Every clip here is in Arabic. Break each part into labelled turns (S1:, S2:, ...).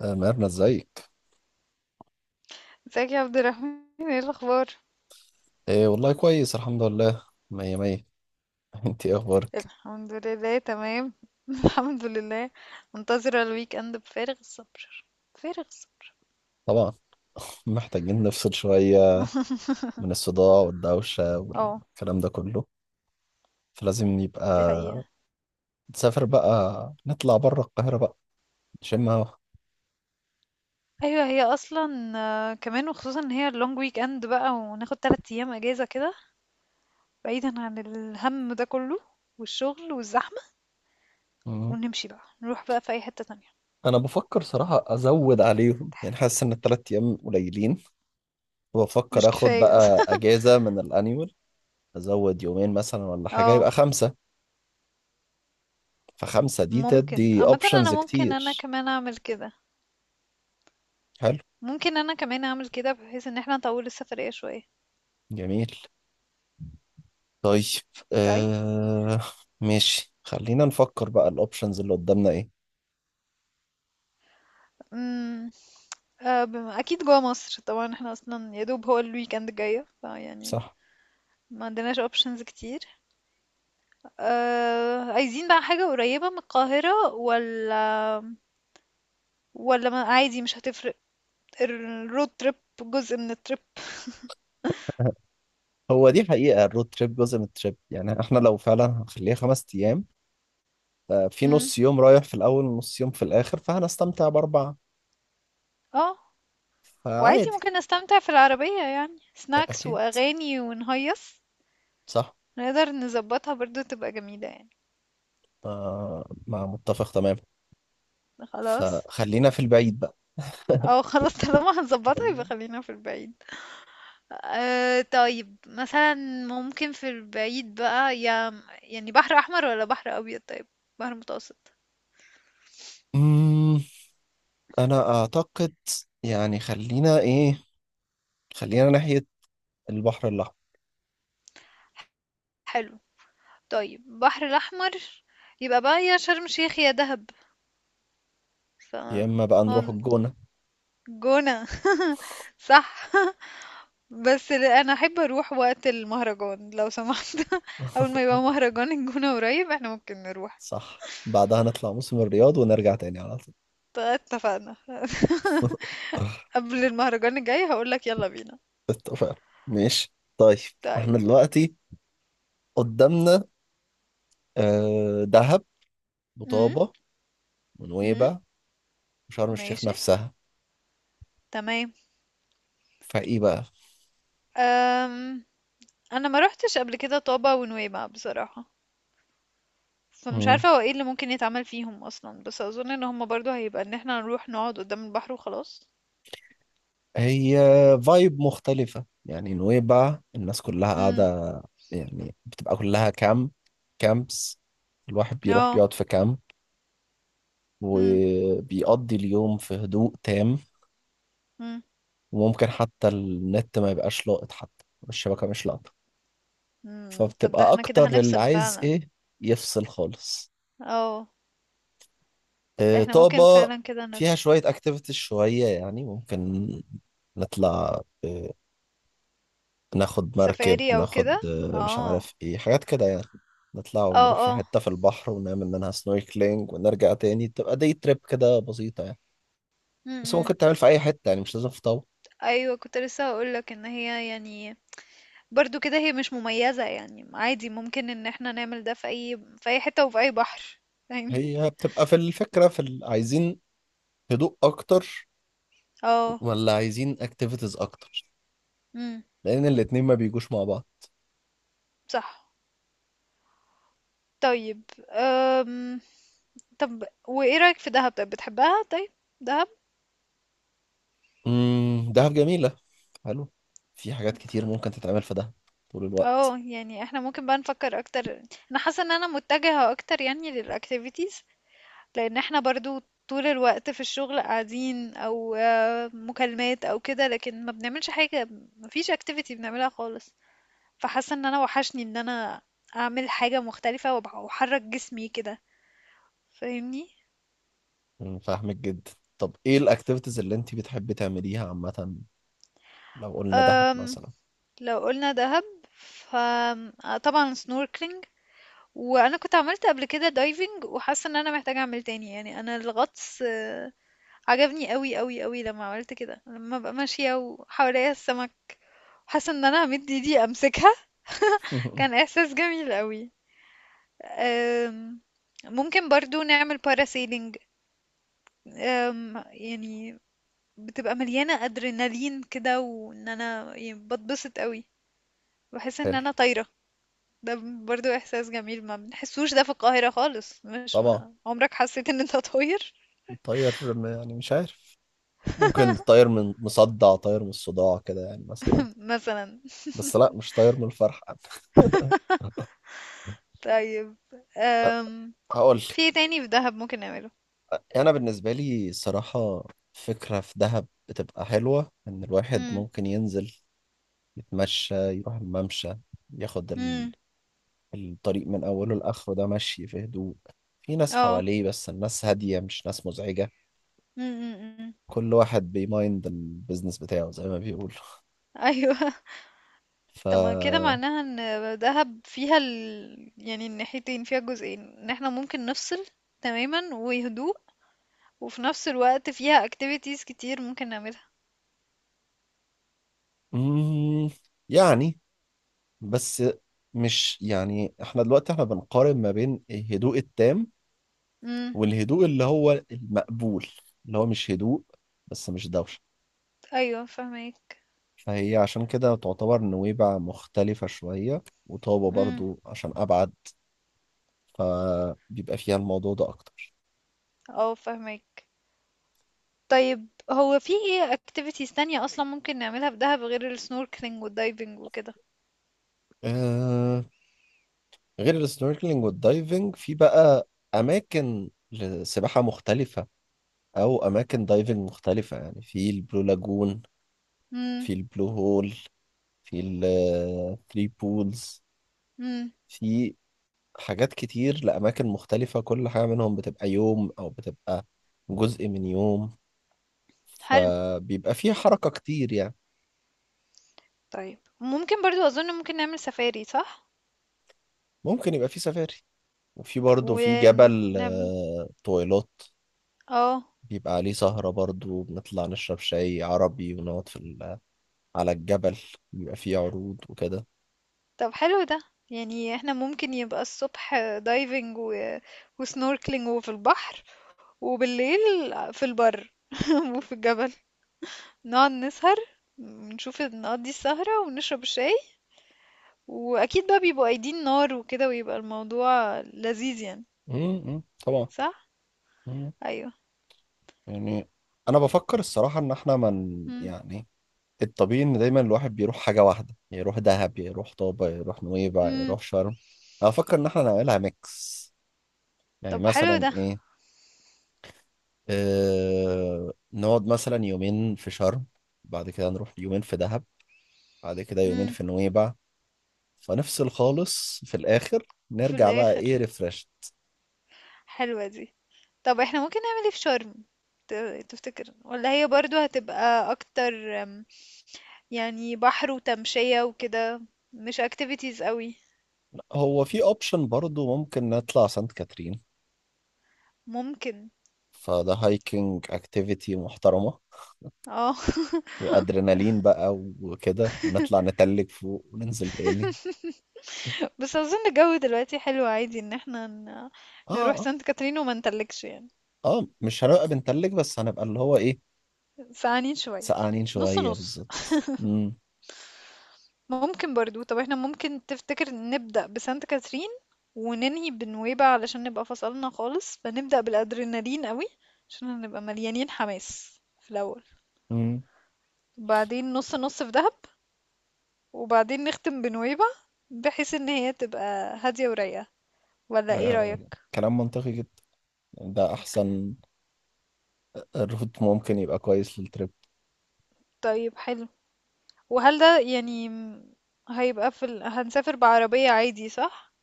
S1: آه، ميرنا ازيك؟
S2: ازيك يا عبد الرحمن، ايه الاخبار؟
S1: ايه والله كويس الحمد لله مية مية. انت ايه اخبارك؟
S2: الحمد لله تمام. الحمد لله. منتظره الويك اند بفارغ الصبر، فارغ الصبر.
S1: طبعا، محتاجين نفصل شوية من الصداع والدوشة
S2: اه،
S1: والكلام ده كله، فلازم يبقى
S2: دي حقيقه.
S1: نسافر بقى، نطلع بره القاهرة بقى، نشم هوا.
S2: ايوه، هي اصلا كمان، وخصوصا ان هي اللونج ويك اند بقى وناخد 3 ايام اجازه كده بعيدا عن الهم ده كله والشغل والزحمه،
S1: مم.
S2: ونمشي بقى نروح بقى في اي حته تانية.
S1: انا بفكر صراحة ازود عليهم، يعني حاسس ان التلات ايام قليلين، وبفكر
S2: مش
S1: اخد
S2: كفايه.
S1: بقى اجازة من الانيول. ازود يومين مثلا ولا حاجة،
S2: اه.
S1: يبقى خمسة. فخمسة دي
S2: ممكن
S1: تدي
S2: عامه، انا
S1: اوبشنز
S2: ممكن انا
S1: كتير.
S2: كمان اعمل كده.
S1: حلو.
S2: ممكن انا كمان اعمل كده بحيث ان احنا نطول السفريه شويه.
S1: جميل. طيب. آه، ماشي، خلينا نفكر بقى الاوبشنز اللي قدامنا ايه.
S2: طيب. اكيد جوا مصر طبعا، احنا اصلا يا دوب هو الويكند جاية، فيعني
S1: صح،
S2: ما عندناش اوبشنز كتير. عايزين بقى حاجة قريبة من القاهرة، ولا ولا ما، عادي مش هتفرق. الرود تريب جزء من التريب.
S1: هو دي حقيقة الرود تريب جزء من التريب، يعني احنا لو فعلا هنخليها خمس ايام، في
S2: امم،
S1: نص يوم رايح في الاول ونص يوم في الاخر، فهنستمتع باربعة.
S2: اه. وعادي
S1: فعادي.
S2: ممكن نستمتع في العربية يعني سناكس
S1: اكيد.
S2: واغاني ونهيص.
S1: صح.
S2: نقدر نظبطها برضو، تبقى جميلة يعني.
S1: آه، مع متفق تمام.
S2: خلاص.
S1: فخلينا في البعيد بقى.
S2: اه خلاص. طالما هنظبطها يبقى خلينا في البعيد. أه طيب، مثلا ممكن في البعيد بقى يا يعني بحر احمر ولا بحر ابيض؟ طيب، بحر متوسط.
S1: أمم، انا اعتقد، يعني خلينا ايه، خلينا ناحية البحر الاحمر.
S2: حلو، طيب بحر الاحمر. يبقى بقى يا شرم الشيخ يا دهب. ف
S1: يا اما بقى
S2: هو
S1: نروح الجونة.
S2: جونة. صح. انا احب اروح وقت المهرجان لو سمحت. اول ما يبقى مهرجان الجونة قريب احنا ممكن نروح.
S1: صح، بعدها نطلع موسم الرياض ونرجع تاني على طول.
S2: اتفقنا. قبل المهرجان الجاي هقولك يلا بينا.
S1: اتفقنا. ماشي، طيب.
S2: طيب.
S1: احنا دلوقتي قدامنا دهب،
S2: امم.
S1: وطابة،
S2: امم،
S1: ونويبع، وشرم الشيخ
S2: ماشي،
S1: نفسها.
S2: تمام.
S1: فايه بقى؟
S2: أم... انا ما روحتش قبل كده طابة ونويبع بصراحة، فمش
S1: مم.
S2: عارفة هو ايه اللي ممكن يتعمل فيهم اصلا، بس اظن ان هما برضو هيبقى ان احنا نروح نقعد قدام البحر وخلاص.
S1: هي فايب مختلفة، يعني نويبع الناس كلها
S2: امم.
S1: قاعدة، يعني بتبقى كلها كامب، كامبس. الواحد بيروح
S2: اه.
S1: بيقعد في كامب،
S2: امم.
S1: وبيقضي اليوم في هدوء تام،
S2: امم.
S1: وممكن حتى النت ما يبقاش لاقط، حتى الشبكة مش لاقطة.
S2: أمم. طب ده
S1: فبتبقى
S2: احنا كده
S1: أكتر اللي
S2: هنفصل
S1: عايز
S2: فعلا.
S1: إيه يفصل خالص.
S2: اه،
S1: آه،
S2: احنا ممكن
S1: طابة
S2: فعلا كده
S1: فيها
S2: نفصل.
S1: شوية أكتيفيتيز شوية، يعني ممكن نطلع، ناخد مركب،
S2: سفاري او كده.
S1: ناخد مش
S2: اه.
S1: عارف إيه، حاجات كده يعني. نطلع
S2: اه،
S1: ونروح في
S2: اه،
S1: حتة في البحر ونعمل منها سنوركلينج ونرجع تاني، بتبقى دي تريب كده بسيطة يعني. بس
S2: امم.
S1: ممكن تعمل في أي حتة، يعني مش لازم في طابة.
S2: ايوه، كنت لسه هقولك ان هي يعني برضو كده هي مش مميزة، يعني عادي ممكن ان احنا نعمل ده في اي حتة وفي اي بحر. فاهمني.
S1: هي بتبقى في الفكرة في عايزين هدوء أكتر
S2: اه.
S1: ولا عايزين اكتيفيتيز اكتر،
S2: امم.
S1: لان الاتنين ما بيجوش مع بعض.
S2: صح. طيب. أم... طب وايه رأيك في دهب؟ طيب، بتحبها؟ طيب، دهب.
S1: امم، دهب جميلة. حلو. في حاجات كتير ممكن تتعمل في دهب طول الوقت.
S2: اه، يعني احنا ممكن بقى نفكر اكتر. انا حاسه ان انا متجهه اكتر يعني للاكتيفيتيز، لان احنا برضو طول الوقت في الشغل قاعدين او مكالمات او كده، لكن ما بنعملش حاجه. ما فيش اكتيفيتي بنعملها خالص. فحاسه ان انا وحشني ان انا اعمل حاجه مختلفه واحرك جسمي كده.
S1: أمم، فاهمك جدا. طب ايه الاكتيفيتيز اللي انت بتحبي تعمليها عامة؟ لو قلنا دهب
S2: فاهمني.
S1: مثلا.
S2: لو قلنا دهب، فطبعا سنوركلينج. وانا كنت عملت قبل كده دايفنج، وحاسه ان انا محتاجه اعمل تاني، يعني انا الغطس عجبني قوي قوي قوي لما عملت كده، لما ببقى ماشيه وحواليا السمك حاسه ان انا همد ايدي امسكها. كان احساس جميل قوي. أم، ممكن برضو نعمل باراسيلينج. يعني بتبقى مليانه ادرينالين كده، وان انا يعني بتبسط قوي، بحس ان
S1: حلو.
S2: انا طايره. ده برضو احساس جميل ما بنحسوش ده في القاهرة خالص. مش
S1: طبعا.
S2: ما عمرك حسيت ان انت طاير؟
S1: الطير يعني مش عارف، ممكن طير من مصدع، طير من الصداع كده يعني، مثلا.
S2: مثلا.
S1: بس لا، مش طير من الفرحة.
S2: طيب. أم...
S1: هقول
S2: في إيه تاني في دهب ممكن نعمله؟
S1: انا بالنسبه لي الصراحه، فكره في دهب بتبقى حلوه ان الواحد
S2: امم.
S1: ممكن ينزل يتمشى، يروح الممشى، ياخد
S2: امم.
S1: الطريق من اوله لاخره ده، مشي في هدوء، في ناس
S2: اه.
S1: حواليه بس الناس هاديه، مش ناس مزعجه.
S2: امم.
S1: كل واحد بيمايند البيزنس بتاعه زي ما بيقولوا.
S2: ايوه.
S1: ف
S2: طب ما كده معناها ان دهب فيها يعني الناحيتين، فيها جزئين ان احنا ممكن نفصل تماما وهدوء، وفي نفس الوقت فيها activities كتير ممكن نعملها.
S1: مم، يعني بس مش، يعني احنا دلوقتي احنا بنقارن ما بين الهدوء التام
S2: امم.
S1: والهدوء اللي هو المقبول، اللي هو مش هدوء بس مش دوشة.
S2: ايوه فهمك.
S1: فهي عشان كده تعتبر نويبع مختلفة شوية، وطابة
S2: امم.
S1: برضو عشان أبعد، فبيبقى فيها الموضوع ده أكتر.
S2: اه فهمك. طيب، هو في إيه activities تانية أصلا ممكن نعملها في دهب غير ال snorkeling وال diving وكده؟
S1: آه، غير السنوركلينج والدايفنج، في بقى أماكن لسباحة مختلفة أو أماكن دايفنج مختلفة، يعني في البلو لاجون،
S2: امم.
S1: في البلو هول، في الثري بولز،
S2: امم.
S1: في حاجات كتير لأماكن مختلفة. كل حاجة منهم بتبقى يوم أو بتبقى جزء من يوم،
S2: حلو.
S1: فبيبقى فيه حركة كتير يعني.
S2: طيب ممكن برضو أظن ممكن نعمل سفاري صح؟
S1: ممكن يبقى فيه سفاري، وفي برضه في جبل
S2: ونعمل
S1: طويلات،
S2: اه.
S1: بيبقى عليه سهرة برضه، بنطلع نشرب شاي عربي ونقعد في ال- على الجبل، بيبقى فيه عروض وكده.
S2: طب حلو ده. يعني احنا ممكن يبقى الصبح دايفنج وسنوركلينج وفي البحر، وبالليل في البر، وفي الجبل نقعد نسهر، نشوف نقضي السهرة ونشرب الشاي، وأكيد بقى بيبقوا قايدين نار وكده، ويبقى الموضوع لذيذ يعني.
S1: م- م، طبعا.
S2: صح؟
S1: م،
S2: أيوه.
S1: يعني أنا بفكر الصراحة إن إحنا من،
S2: إمم.
S1: يعني الطبيعي ان دايما الواحد بيروح حاجه واحده، يروح دهب، يروح طابه، يروح نويبع،
S2: إمم.
S1: يروح شرم. انا افكر ان احنا نعملها ميكس، يعني
S2: طب حلو
S1: مثلا
S2: ده.
S1: ايه، نقعد مثلا يومين في شرم، بعد كده نروح يومين في دهب، بعد كده يومين
S2: إمم.
S1: في نويبع، فنفصل خالص في الاخر،
S2: في
S1: نرجع بقى
S2: الآخر،
S1: ايه ريفرش.
S2: حلوة دي. طب إحنا ممكن نعمل إيه في شرم، ت تفتكر؟ والّا هي برضه هتبقى أكتر، يعني بحر وتمشية وكده، مش activities أوي؟
S1: هو في اوبشن برضو ممكن نطلع سانت كاترين،
S2: ممكن.
S1: فده هايكنج اكتيفيتي محترمه،
S2: آه،
S1: وادرينالين بقى وكده، ونطلع نتلج فوق وننزل تاني.
S2: بس أظن الجو دلوقتي حلو، عادي إن إحنا
S1: اه
S2: نروح
S1: اه،
S2: سانت كاترين وما نتلجش يعني.
S1: مش هنبقى بنتلج بس هنبقى اللي هو ايه،
S2: سقعانين شوية.
S1: سقعانين
S2: نُص،
S1: شوية
S2: نُص.
S1: بالظبط. امم.
S2: ممكن برضو، طب احنا ممكن تفتكر نبدأ بسانت كاترين وننهي بنويبع علشان نبقى فصلنا خالص، فنبدأ بالأدرينالين قوي عشان هنبقى مليانين حماس في الأول،
S1: امم.
S2: وبعدين نص نص في دهب، وبعدين نختم بنويبع بحيث ان هي تبقى هادية ورايقة. ولا
S1: ده
S2: ايه رأيك؟
S1: كلام منطقي جدا، يعني ده احسن روت ممكن يبقى كويس للتريب.
S2: طيب حلو. وهل ده يعني هيبقى في هنسافر بعربية عادي صح؟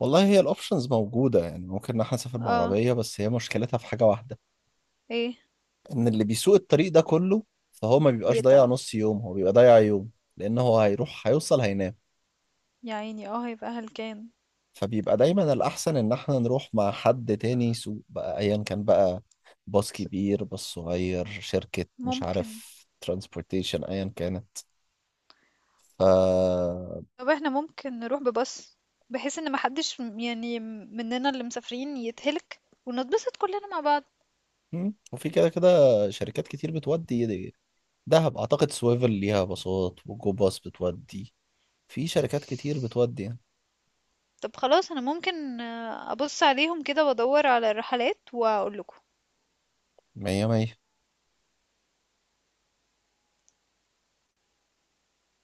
S1: والله هي الاوبشنز موجودة، يعني ممكن ان احنا نسافر
S2: اه.
S1: بعربية، بس هي مشكلتها في حاجة واحدة،
S2: ايه.
S1: ان اللي بيسوق الطريق ده كله، فهو ما بيبقاش ضايع
S2: بيتعب.
S1: نص يوم، هو بيبقى ضايع يوم، لان هو هيروح هيوصل هينام.
S2: يا عيني، اه هيبقى هلكان.
S1: فبيبقى دايما الأحسن إن احنا نروح مع حد تاني سوق بقى، أيا كان بقى، باص كبير، باص صغير، شركة، مش
S2: ممكن.
S1: عارف، ترانسبورتيشن أيا كانت. ف
S2: طب احنا ممكن نروح بباص بحيث ان محدش يعني مننا اللي مسافرين يتهلك، ونتبسط كلنا مع بعض.
S1: مم. وفي كده كده شركات كتير بتودي دهب، أعتقد سويفل ليها باصات، وجو باص بتودي. في شركات كتير بتودي يعني.
S2: طب خلاص، انا ممكن ابص عليهم كده وادور على الرحلات واقول لكم.
S1: مية مية.